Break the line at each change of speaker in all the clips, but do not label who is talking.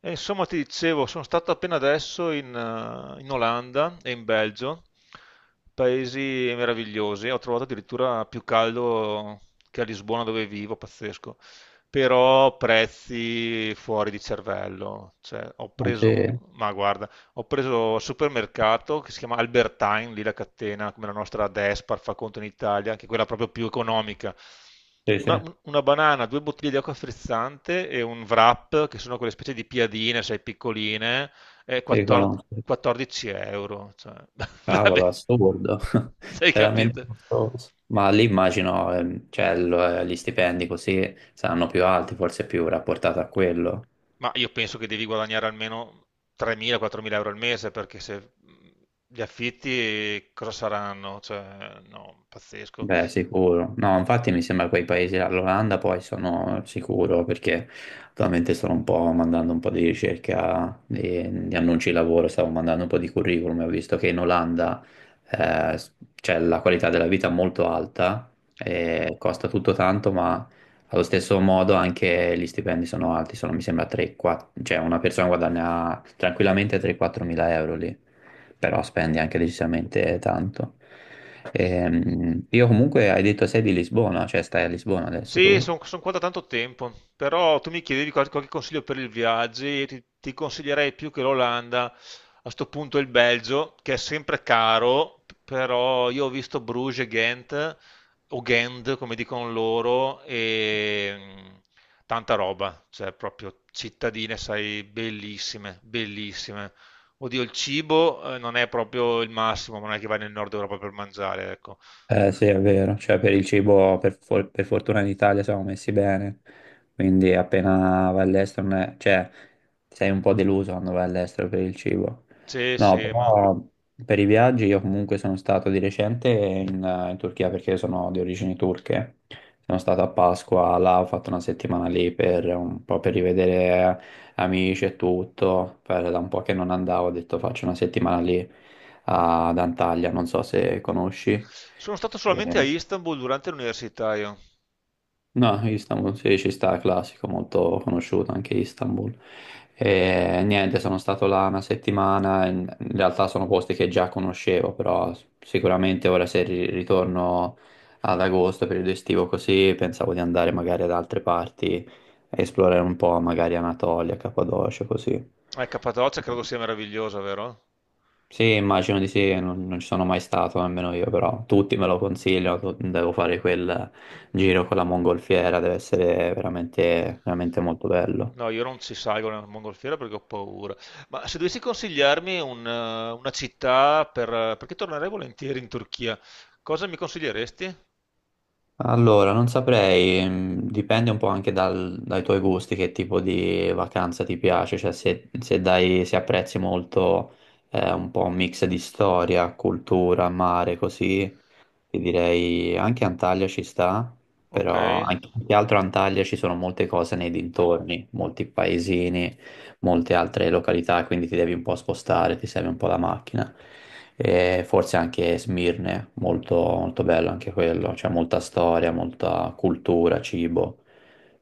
E insomma, ti dicevo, sono stato appena adesso in Olanda e in Belgio, paesi meravigliosi. Ho trovato addirittura più caldo che a Lisbona dove vivo, pazzesco. Però prezzi fuori di cervello. Cioè,
Non c'è-
ma guarda, ho preso al supermercato che si chiama Albertine, lì la catena, come la nostra Despar fa conto in Italia, anche quella proprio più economica.
Sì,
Una,
sì,
un- una banana, due bottiglie di acqua frizzante e un wrap, che sono quelle specie di piadine, sai, piccoline, e
sì, conosco.
14 euro. Cioè, vabbè,
Cavolo, assurdo,
sei
veramente
capito?
costoso. Ma lì immagino, cioè, gli stipendi così saranno più alti, forse più rapportato a quello.
Ma io penso che devi guadagnare almeno 3.000-4.000 euro al mese, perché se gli affitti cosa saranno? Cioè, no, pazzesco.
Beh, sicuro. No, infatti mi sembra quei paesi, là, l'Olanda poi sono sicuro perché attualmente sto un po' mandando un po' di ricerca di annunci di lavoro, stavo mandando un po' di curriculum e ho visto che in Olanda c'è la qualità della vita molto alta, e costa tutto tanto, ma allo stesso modo anche gli stipendi sono alti, sono mi sembra 3-4, cioè una persona guadagna tranquillamente 3-4 mila euro lì, però spendi anche decisamente tanto. Io comunque hai detto sei di Lisbona, cioè stai a Lisbona adesso
Sì,
tu?
sono qua da tanto tempo, però tu mi chiedevi qualche consiglio per il viaggio e ti consiglierei più che l'Olanda, a sto punto il Belgio, che è sempre caro, però io ho visto Bruges e Ghent, o Ghent come dicono loro, e tanta roba, cioè proprio cittadine, sai, bellissime, bellissime. Oddio, il cibo non è proprio il massimo, ma non è che vai nel nord Europa per mangiare, ecco.
Eh sì, è vero, cioè per il cibo per fortuna in Italia siamo messi bene, quindi appena vai all'estero, non è- cioè sei un po' deluso quando vai all'estero per il cibo.
Sì,
No,
sì, ma...
però per i viaggi io comunque sono stato di recente in Turchia, perché sono di origini turche, sono stato a Pasqua, là ho fatto 1 settimana lì per un po' per rivedere amici e tutto, da un po' che non andavo ho detto faccio 1 settimana lì ad Antalya, non so se conosci.
Sono stato
Eh,
solamente a Istanbul durante l'università io.
No, Istanbul sì, ci sta, classico, molto conosciuto anche Istanbul. E, niente, sono stato là 1 settimana, in realtà sono posti che già conoscevo, però sicuramente ora se ritorno ad agosto, periodo estivo così, pensavo di andare magari ad altre parti, a esplorare un po', magari Anatolia, Cappadocia, così.
Cappadocia credo sia meravigliosa, vero?
Sì, immagino di sì, non, non ci sono mai stato, nemmeno io, però tutti me lo consigliano, devo fare quel giro con la mongolfiera, deve essere veramente, veramente molto bello.
No, io non ci salgo nel mongolfiera perché ho paura. Ma se dovessi consigliarmi un, una città per... perché tornerei volentieri in Turchia, cosa mi consiglieresti?
Allora, non saprei, dipende un po' anche dai tuoi gusti, che tipo di vacanza ti piace, cioè se apprezzi molto un po' un mix di storia, cultura, mare, così, ti direi anche Antalya ci sta,
Ok.
però anche, più che altro a Antalya ci sono molte cose nei dintorni, molti paesini, molte altre località, quindi ti devi un po' spostare, ti serve un po' la macchina. E forse anche Smirne, molto, molto bello anche quello, c'è molta storia, molta cultura, cibo.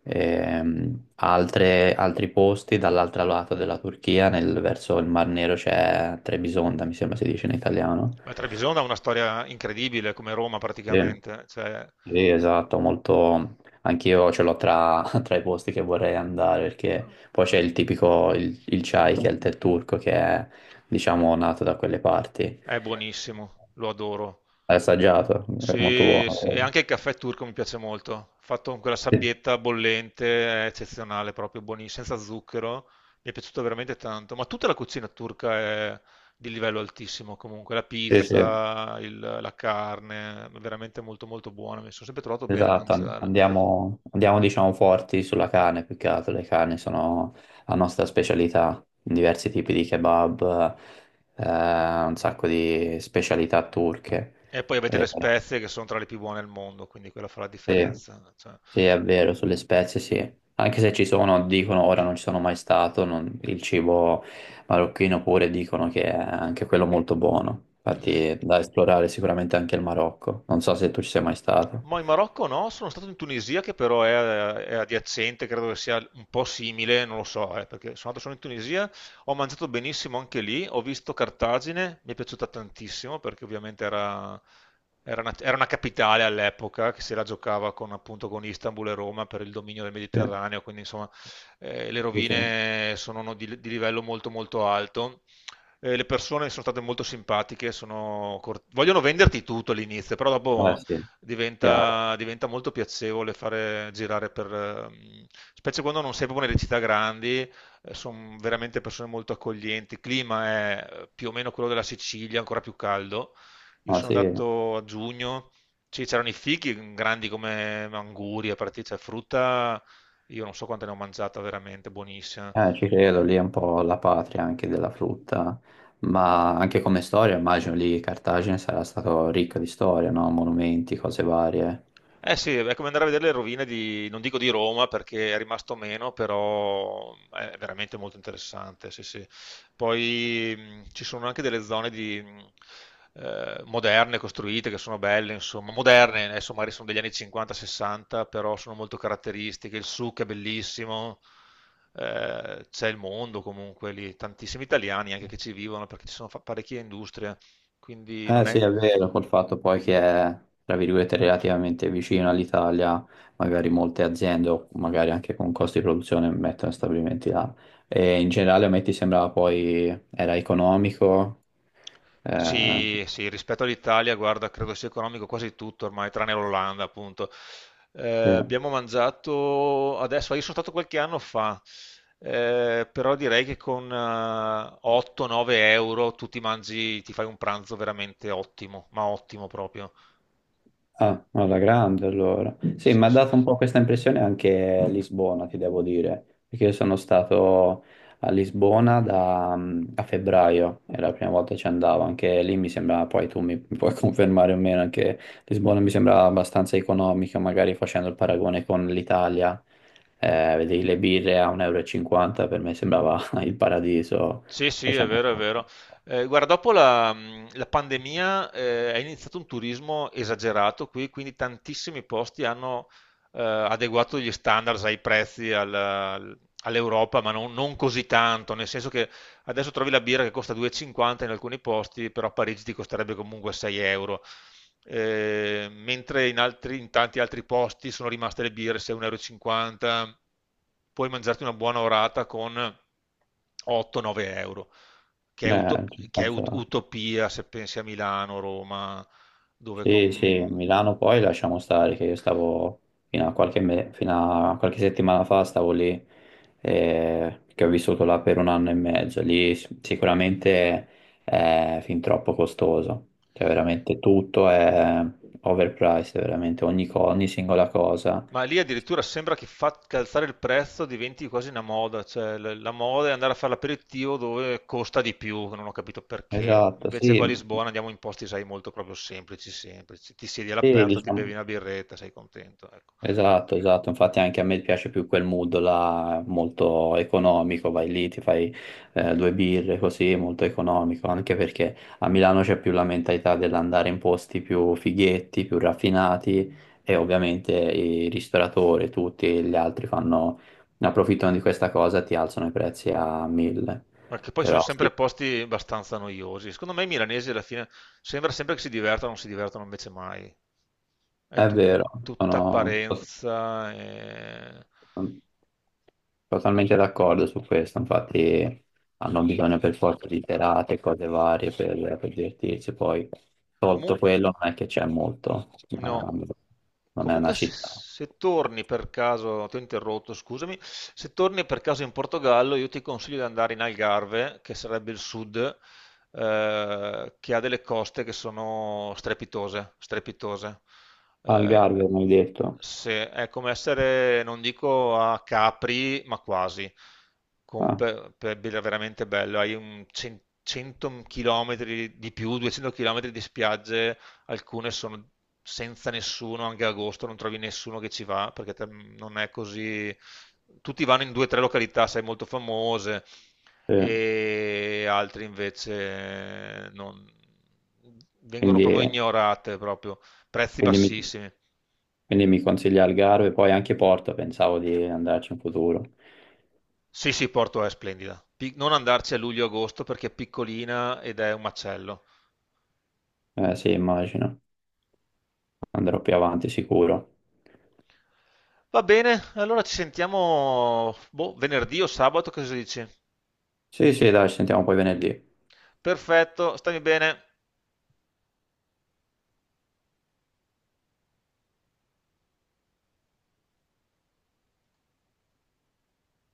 Altri posti dall'altro lato della Turchia, verso il Mar Nero c'è Trebisonda, mi sembra si dice in italiano.
Ma Trebisonda ha una storia incredibile, come Roma
Sì.
praticamente, cioè
Sì, esatto, molto. Anch'io ce l'ho tra, tra i posti che vorrei andare, perché poi c'è il tipico, il chai, che è il tè turco, che è, diciamo, nato da quelle parti.
è buonissimo, lo adoro.
L'hai assaggiato? È molto
Sì, sì, e
buono.
anche il caffè turco mi piace molto, fatto con quella
Sì,
sabbietta bollente, è eccezionale, proprio buonissimo, senza zucchero, mi è piaciuto veramente tanto, ma tutta la cucina turca è di livello altissimo comunque, la
sì, sì,
pizza, la carne, è veramente molto molto buona, mi sono sempre trovato bene a
esatto.
mangiare.
Andiamo, andiamo, diciamo, forti sulla carne, più che altro. Le carni sono la nostra specialità, diversi tipi di kebab, un sacco di specialità turche.
E poi avete
Eh,
le spezie che sono tra le più buone al mondo, quindi quella fa la
sì.
differenza, cioè.
Sì, è vero, sulle spezie sì. Anche se ci sono, dicono, ora non ci sono mai stato, il cibo marocchino pure dicono che è anche quello molto buono. Infatti è da esplorare sicuramente anche il Marocco. Non so se tu ci sei mai stato.
Ma in Marocco no, sono stato in Tunisia che però è adiacente, credo che sia un po' simile, non lo so, perché sono andato solo in Tunisia, ho mangiato benissimo anche lì, ho visto Cartagine, mi è piaciuta tantissimo perché ovviamente era, era una capitale all'epoca che se la giocava con, appunto, con Istanbul e Roma per il dominio del
Sì,
Mediterraneo, quindi insomma le
sì, sì.
rovine sono no, di livello molto molto alto. Le persone sono state molto simpatiche, sono vogliono venderti tutto all'inizio, però
Eh
dopo
sì, chiaro.
diventa molto piacevole fare girare per, specie quando non sei proprio nelle città grandi, sono veramente persone molto accoglienti. Il clima è più o meno quello della Sicilia, ancora più caldo. Io
Ah,
sono
sì.
andato a giugno, c'erano i fichi grandi come angurie, partite, cioè frutta, io non so quante ne ho mangiata, veramente buonissima.
Ci credo, lì è un po' la patria anche della frutta, ma anche come storia, immagino lì Cartagine sarà stato ricca di storia, no? Monumenti, cose varie.
Eh sì, è come andare a vedere le rovine di, non dico di Roma perché è rimasto meno, però è veramente molto interessante, sì, sì. Poi ci sono anche delle zone di, moderne costruite che sono belle, insomma, moderne, adesso magari sono degli anni 50-60, però sono molto caratteristiche, il souk è bellissimo, c'è il mondo comunque lì, tantissimi italiani anche che ci vivono perché ci sono parecchie industrie, quindi non
Eh sì,
è...
è vero, col fatto poi che è, tra virgolette, relativamente vicino all'Italia, magari molte aziende o magari anche con costi di produzione mettono stabilimenti là. E in generale a me ti sembrava poi era economico, eh,
Sì, sì, rispetto all'Italia, guarda, credo sia economico quasi tutto ormai, tranne l'Olanda, appunto. Eh,
sì.
abbiamo mangiato adesso, io sono stato qualche anno fa, però direi che con 8-9 euro tu ti mangi, ti fai un pranzo veramente ottimo, ma ottimo proprio.
Ah, alla grande allora. Sì, mi
Sì,
ha
sì.
dato un po' questa impressione anche a Lisbona, ti devo dire, perché io sono stato a Lisbona da, a febbraio, è la prima volta che ci andavo, anche lì mi sembra, poi tu mi puoi confermare o meno, anche Lisbona mi sembra abbastanza economica, magari facendo il paragone con l'Italia, vedevi le birre a 1,50 euro, e cinquanta, per me sembrava il paradiso,
Sì, sì, è
facendo.
vero, è vero. Guarda, dopo la pandemia è iniziato un turismo esagerato qui, quindi tantissimi posti hanno adeguato gli standards ai prezzi all'Europa, ma non così tanto, nel senso che adesso trovi la birra che costa 2,50 in alcuni posti, però a Parigi ti costerebbe comunque 6 euro. Mentre in, in tanti altri posti sono rimaste le birre 6,50 euro. Puoi mangiarti una buona orata con 8-9 euro, che è,
Abbastanza.
utopia se pensi a Milano, Roma, dove
Sì, sì,
con
Milano poi lasciamo stare, che io stavo fino a qualche settimana fa, stavo lì, che ho vissuto là per 1 anno e mezzo, lì sicuramente è fin troppo costoso, cioè veramente tutto è overpriced, veramente ogni singola cosa.
ma lì addirittura sembra che faccia alzare il prezzo, diventi quasi una moda, cioè la moda è andare a fare l'aperitivo dove costa di più, che non ho capito perché.
Esatto,
Invece qua a
sì,
Lisbona andiamo in posti, sai, molto proprio semplici, semplici. Ti siedi
sì,
all'aperto, ti bevi
diciamo.
una birretta, sei contento, ecco.
Esatto, esatto, infatti anche a me piace più quel mood là, molto economico, vai lì, ti fai 2 birre così, molto economico, anche perché a Milano c'è più la mentalità dell'andare in posti più fighetti, più raffinati, e ovviamente i ristoratori, tutti gli altri fanno, ne approfittano di questa cosa e ti alzano i prezzi a mille,
Perché poi sono
però sì,
sempre posti abbastanza noiosi. Secondo me i milanesi alla fine sembra sempre che si divertano, non si divertono invece mai. È
è vero,
tutta
sono
apparenza,
totalmente d'accordo su questo, infatti hanno bisogno per forza di serate, cose varie per divertirsi, poi tolto
comunque
quello non è che c'è molto, ma
no,
non è una
comunque se,
città.
se torni per caso, ti ho interrotto, scusami, se torni per caso in Portogallo io ti consiglio di andare in Algarve, che sarebbe il sud, che ha delle coste che sono strepitose, strepitose. Eh,
Algarve, mi hai detto?
è come essere, non dico a Capri, ma quasi, con,
Ah,
veramente bello, hai un 100 km di più, 200 km di spiagge, alcune sono senza nessuno, anche agosto non trovi nessuno che ci va, perché non è così... Tutti vanno in due o tre località, sai, molto famose,
sì.
e altri invece non... vengono proprio
Quindi,
ignorate, proprio. Prezzi
quindi mi,
bassissimi.
quindi mi consiglia Algarve, poi anche Porto, pensavo di andarci in futuro.
Sì, sì, Porto è splendida. Non andarci a luglio-agosto perché è piccolina ed è un macello.
Sì, immagino, andrò più avanti sicuro.
Va bene, allora ci sentiamo boh, venerdì o sabato, cosa dici?
Sì, sì, dai, ci sentiamo poi venerdì.
Perfetto, stammi bene.